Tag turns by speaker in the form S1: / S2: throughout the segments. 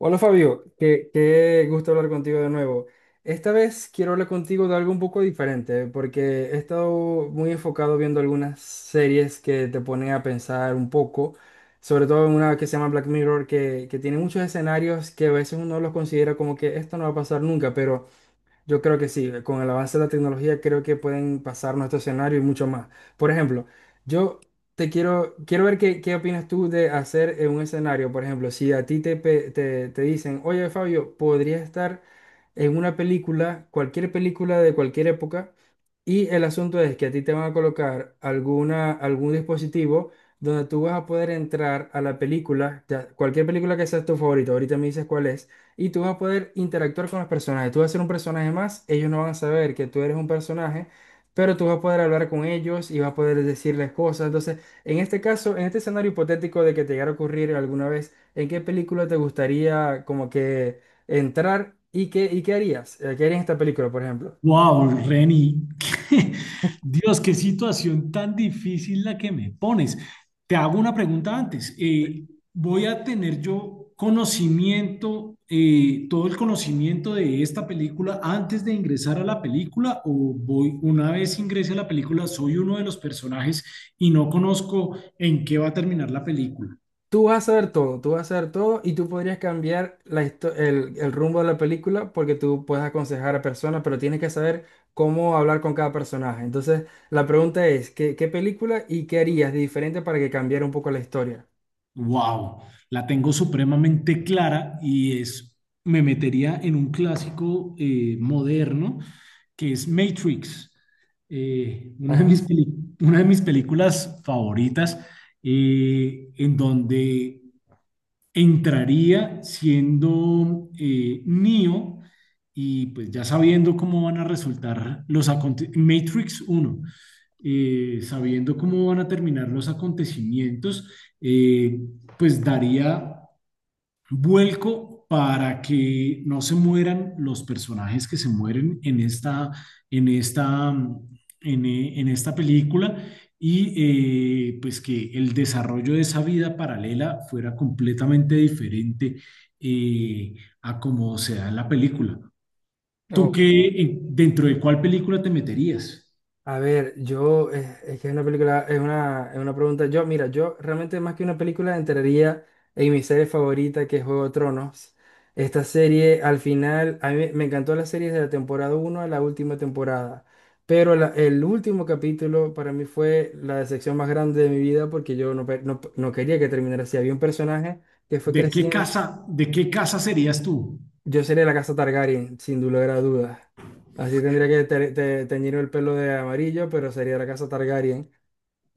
S1: Hola Fabio, qué gusto hablar contigo de nuevo. Esta vez quiero hablar contigo de algo un poco diferente, porque he estado muy enfocado viendo algunas series que te ponen a pensar un poco, sobre todo en una que se llama Black Mirror, que tiene muchos escenarios que a veces uno los considera como que esto no va a pasar nunca, pero. Yo creo que sí, con el avance de la tecnología creo que pueden pasar nuestro escenario y mucho más. Por ejemplo, yo quiero ver qué opinas tú de hacer un escenario. Por ejemplo, si a ti te dicen, oye Fabio, podría estar en una película, cualquier película de cualquier época. Y el asunto es que a ti te van a colocar algún dispositivo donde tú vas a poder entrar a la película, cualquier película que sea tu favorito, ahorita me dices cuál es, y tú vas a poder interactuar con los personajes. Tú vas a ser un personaje más, ellos no van a saber que tú eres un personaje, pero tú vas a poder hablar con ellos y vas a poder decirles cosas. Entonces, en este caso, en este escenario hipotético de que te llegara a ocurrir alguna vez, ¿en qué película te gustaría como que entrar y y qué harías? ¿Qué harías en esta película, por ejemplo?
S2: Wow, Reni, Dios, qué situación tan difícil la que me pones. Te hago una pregunta antes. ¿Voy a tener yo conocimiento, todo el conocimiento de esta película antes de ingresar a la película? ¿O voy, una vez ingrese a la película, soy uno de los personajes y no conozco en qué va a terminar la película?
S1: Tú vas a ver todo, tú vas a ver todo y tú podrías cambiar el rumbo de la película porque tú puedes aconsejar a personas, pero tienes que saber cómo hablar con cada personaje. Entonces, la pregunta es, ¿qué película y qué harías de diferente para que cambiara un poco la historia?
S2: Wow, la tengo supremamente clara y es, me metería en un clásico moderno que es Matrix, eh, una de
S1: Ajá.
S2: mis peli- una de mis películas favoritas, en donde entraría siendo Neo y pues ya sabiendo cómo van a Matrix 1 sabiendo cómo van a terminar los acontecimientos, eh, pues daría vuelco para que no se mueran los personajes que se mueren en esta, en esta, en esta película y pues que el desarrollo de esa vida paralela fuera completamente diferente eh, a como se da en la película. ¿Tú qué, dentro de cuál película te meterías?
S1: A ver, es que es una película, es una pregunta. Mira, yo realmente más que una película entraría en mi serie favorita que es Juego de Tronos. Esta serie, al final, a mí me encantó la serie de la temporada uno a la última temporada. Pero el último capítulo para mí fue la decepción más grande de mi vida porque yo no quería que terminara así. Había un personaje que fue creciendo.
S2: De qué casa serías tú?
S1: Yo sería la casa Targaryen, sin lugar a dudas. Así tendría que teñir el pelo de amarillo, pero sería la casa Targaryen,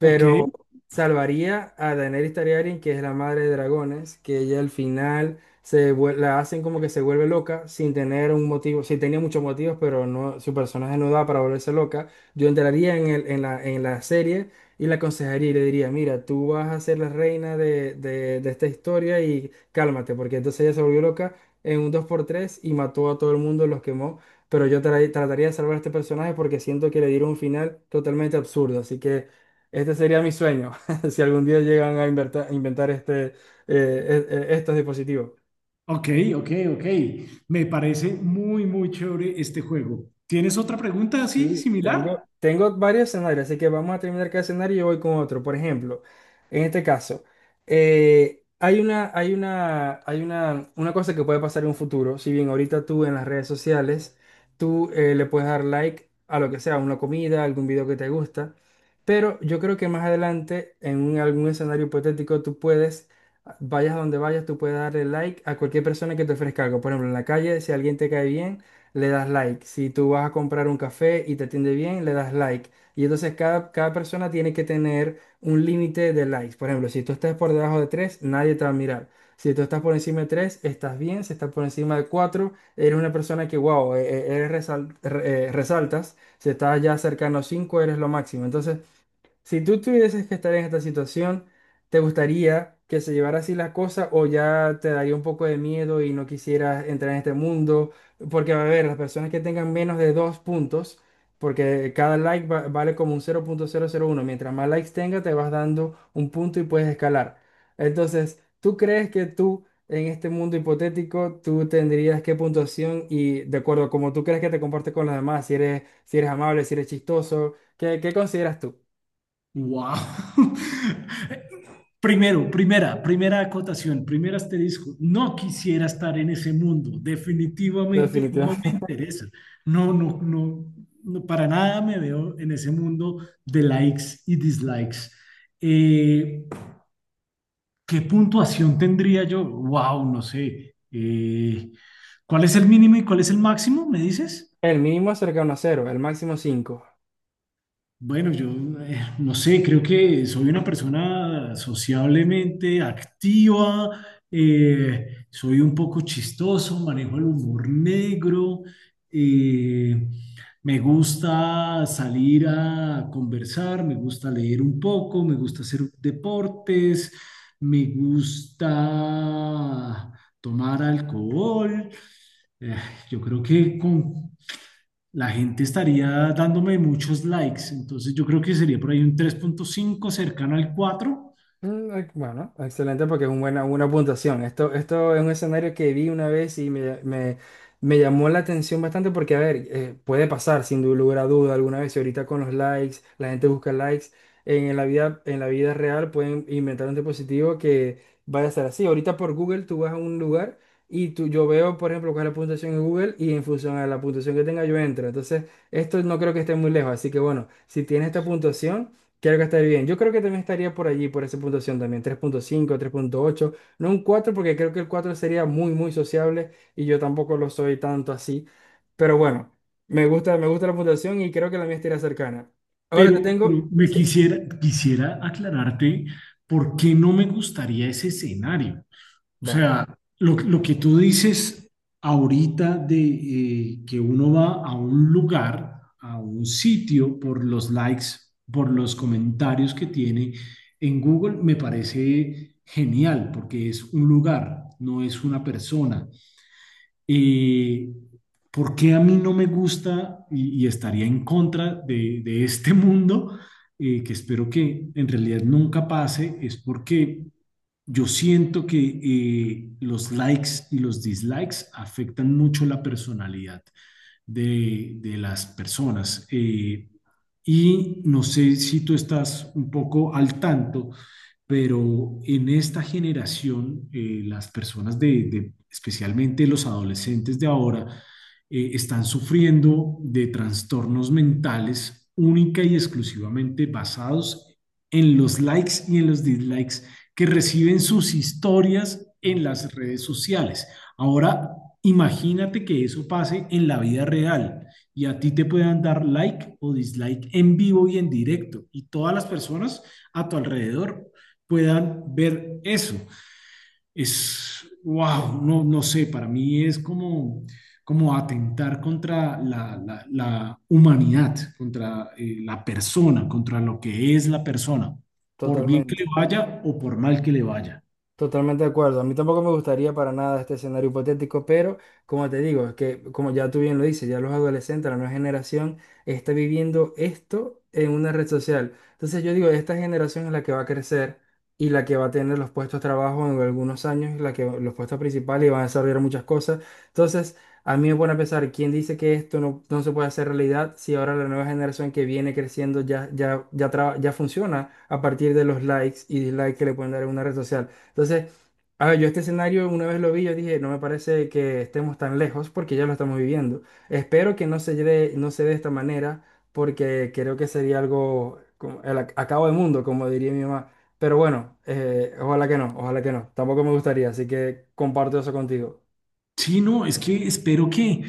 S2: Ok.
S1: salvaría a Daenerys Targaryen, que es la madre de dragones, que ella al final la hacen como que se vuelve loca sin tener un motivo. Sí tenía muchos motivos, pero no, su personaje no da para volverse loca. Yo entraría en la serie y la aconsejaría y le diría, mira, tú vas a ser la reina de esta historia, y cálmate, porque entonces ella se volvió loca en un dos por tres y mató a todo el mundo, los quemó. Pero yo trataría de salvar a este personaje porque siento que le dieron un final totalmente absurdo. Así que este sería mi sueño, si algún día llegan a inventar estos dispositivos.
S2: Ok, ok, ok. Me parece muy, muy chévere este juego. ¿Tienes otra pregunta así,
S1: Sí, tengo,
S2: similar?
S1: tengo varios escenarios, así que vamos a terminar cada escenario y yo voy con otro. Por ejemplo, en este caso, una cosa que puede pasar en un futuro. Si bien ahorita tú en las redes sociales, tú le puedes dar like a lo que sea, una comida, algún video que te gusta, pero yo creo que más adelante, en algún escenario hipotético, tú puedes, vayas a donde vayas, tú puedes darle like a cualquier persona que te ofrezca algo. Por ejemplo, en la calle, si alguien te cae bien le das like. Si tú vas a comprar un café y te atiende bien, le das like. Y entonces cada persona tiene que tener un límite de likes. Por ejemplo, si tú estás por debajo de tres, nadie te va a mirar. Si tú estás por encima de tres, estás bien. Si estás por encima de cuatro, eres una persona que, wow, resaltas. Si estás ya cercano a 5, eres lo máximo. Entonces, si tú tuvieses que estar en esta situación, ¿te gustaría que se llevara así la cosa o ya te daría un poco de miedo y no quisieras entrar en este mundo? Porque, a ver, las personas que tengan menos de 2 puntos, porque cada like vale como un cero punto cero, cero punto uno. Mientras más likes tenga, te vas dando un punto y puedes escalar. Entonces, ¿tú crees que tú, en este mundo hipotético, tú tendrías qué puntuación? Y de acuerdo a cómo tú crees que te comportes con los demás, si eres amable, si eres chistoso, ¿qué consideras tú?
S2: ¡Wow! Primero, primera acotación, primer asterisco. No quisiera estar en ese mundo. Definitivamente no me
S1: Definitivamente.
S2: interesa. No, no, no, no, para nada me veo en ese mundo de likes y dislikes. Eh, ¿Qué puntuación tendría yo? Wow, no sé. ¿Cuál es el mínimo y cuál es el máximo? ¿Me dices?
S1: El mínimo es cercano a cero, el máximo 5.
S2: Bueno, yo no sé, creo que soy una persona sociablemente activa, soy un poco chistoso, manejo el humor negro, eh, me gusta salir a conversar, me gusta leer un poco, me gusta hacer deportes, me gusta tomar alcohol. Eh, yo creo que con la gente estaría dándome muchos likes. Entonces yo creo que sería por ahí un 3,5 cercano al 4.
S1: Mm. Bueno, excelente, porque es una una puntuación. Esto es un escenario que vi una vez y me llamó la atención bastante porque, a ver, puede pasar sin lugar a duda alguna vez. Y ahorita con los likes, la gente busca likes. En la vida real pueden inventar un dispositivo que vaya a ser así. Ahorita por Google tú vas a un lugar y yo veo, por ejemplo, cuál es la puntuación en Google, y en función a la puntuación que tenga yo entro. Entonces, esto no creo que esté muy lejos. Así que bueno, si tienes esta puntuación. Quiero gastar bien. Yo creo que también estaría por allí, por esa puntuación también. Tres punto cinco, 3,8, no un cuatro, porque creo que el 4 sería muy, muy sociable y yo tampoco lo soy tanto así. Pero bueno, me gusta la puntuación y creo que la mía estaría cercana. Ahora te
S2: Pero,
S1: tengo.
S2: me
S1: Sí,
S2: quisiera aclararte por qué no me gustaría ese escenario. O
S1: vale.
S2: sea, lo que tú dices ahorita de que uno va a un lugar, a un sitio por los likes, por los comentarios que tiene en Google, me parece genial porque es un lugar, no es una persona. Eh, ¿Por qué a mí no me gusta y estaría en contra de este mundo? Que espero que en realidad nunca pase, es porque yo siento que los likes y los dislikes afectan mucho la personalidad de las personas. Y no sé si tú estás un poco al tanto pero en esta generación, las personas especialmente los adolescentes de ahora, están sufriendo de trastornos mentales única y exclusivamente basados en los likes y en los dislikes que reciben sus historias en las redes sociales. Ahora, imagínate que eso pase en la vida real y a ti te puedan dar like o dislike en vivo y en directo y todas las personas a tu alrededor puedan ver eso. Es, wow, no, no sé, para mí es como, como atentar contra la humanidad, contra la persona, contra lo que es la persona, por bien que le
S1: Totalmente.
S2: vaya o por mal que le vaya.
S1: Totalmente de acuerdo. A mí tampoco me gustaría para nada este escenario hipotético, pero como te digo, es que como ya tú bien lo dices, ya los adolescentes, la nueva generación está viviendo esto en una red social. Entonces yo digo, esta generación es la que va a crecer y la que va a tener los puestos de trabajo en algunos años, la que los puestos principales, y van a desarrollar muchas cosas. Entonces, a mí me pone a pensar, ¿quién dice que esto no, no se puede hacer realidad, si ahora la nueva generación que viene creciendo ya, ya, ya, ya funciona a partir de los likes y dislikes que le pueden dar en una red social? Entonces, a ver, yo este escenario una vez lo vi, yo dije, no me parece que estemos tan lejos porque ya lo estamos viviendo. Espero que no se dé, no se dé de esta manera, porque creo que sería algo como el acabo de mundo, como diría mi mamá. Pero bueno, ojalá que no, ojalá que no. Tampoco me gustaría, así que comparto eso contigo.
S2: Sí, no, es que espero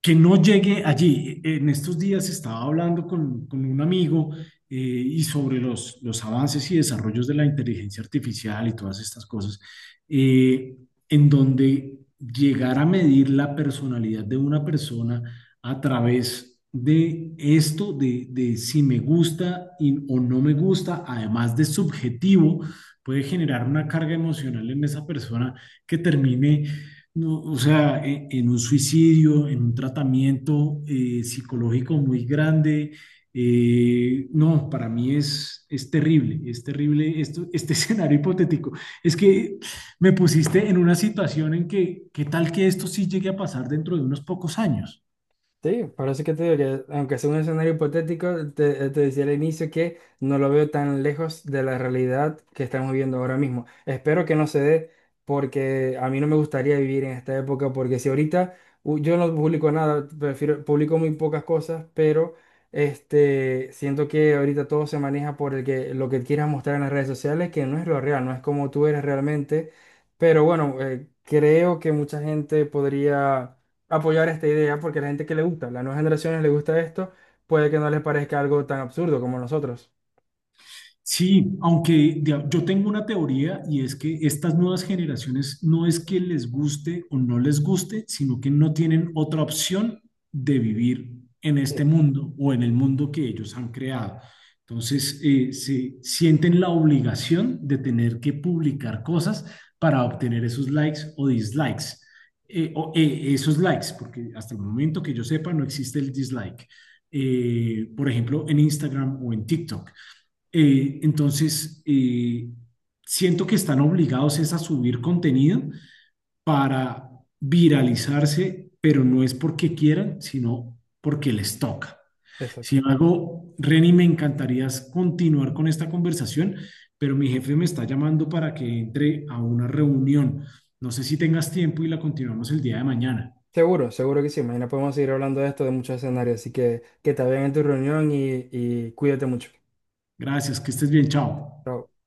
S2: que no llegue allí. En estos días estaba hablando con un amigo y sobre los avances y desarrollos de la inteligencia artificial y todas estas cosas, eh, en donde llegar a medir la personalidad de una persona a través de esto, de si me gusta o no me gusta, además de subjetivo, puede generar una carga emocional en esa persona que termine no, o sea, un suicidio, en un tratamiento psicológico muy grande, no, para mí es terrible esto, este escenario hipotético. Es que me pusiste en una situación en que, ¿qué tal que esto sí llegue a pasar dentro de unos pocos años?
S1: Sí, por eso que te digo que, aunque sea un escenario hipotético, te decía al inicio que no lo veo tan lejos de la realidad que estamos viviendo ahora mismo. Espero que no se dé, porque a mí no me gustaría vivir en esta época, porque si ahorita yo no publico nada, prefiero, publico muy pocas cosas, pero este, siento que ahorita todo se maneja por el que, lo que quieras mostrar en las redes sociales, que no es lo real, no es como tú eres realmente. Pero bueno, creo que mucha gente podría apoyar esta idea, porque a la gente que le gusta, a las nuevas generaciones le gusta esto, puede que no les parezca algo tan absurdo como nosotros.
S2: Sí, aunque yo tengo una teoría y es que estas nuevas generaciones no es que les guste o no les guste, sino que no tienen otra opción de vivir en este
S1: Sí.
S2: mundo o en el mundo que ellos han creado. Entonces, se sienten la obligación de tener que publicar cosas para obtener esos likes o dislikes. Esos likes, porque hasta el momento que yo sepa no existe el dislike por ejemplo, en Instagram o en TikTok. Eh, entonces, eh, siento que están obligados es a subir contenido para viralizarse, pero no es porque quieran, sino porque les toca.
S1: Exacto.
S2: Sin embargo, Reni, me encantaría continuar con esta conversación, pero mi jefe me está llamando para que entre a una reunión. No sé si tengas tiempo y la continuamos el día de mañana.
S1: Seguro, seguro que sí. Mañana podemos seguir hablando de esto, de muchos escenarios. Así que te vean en tu reunión, y cuídate mucho.
S2: Gracias, que estés bien, chao.
S1: Chao.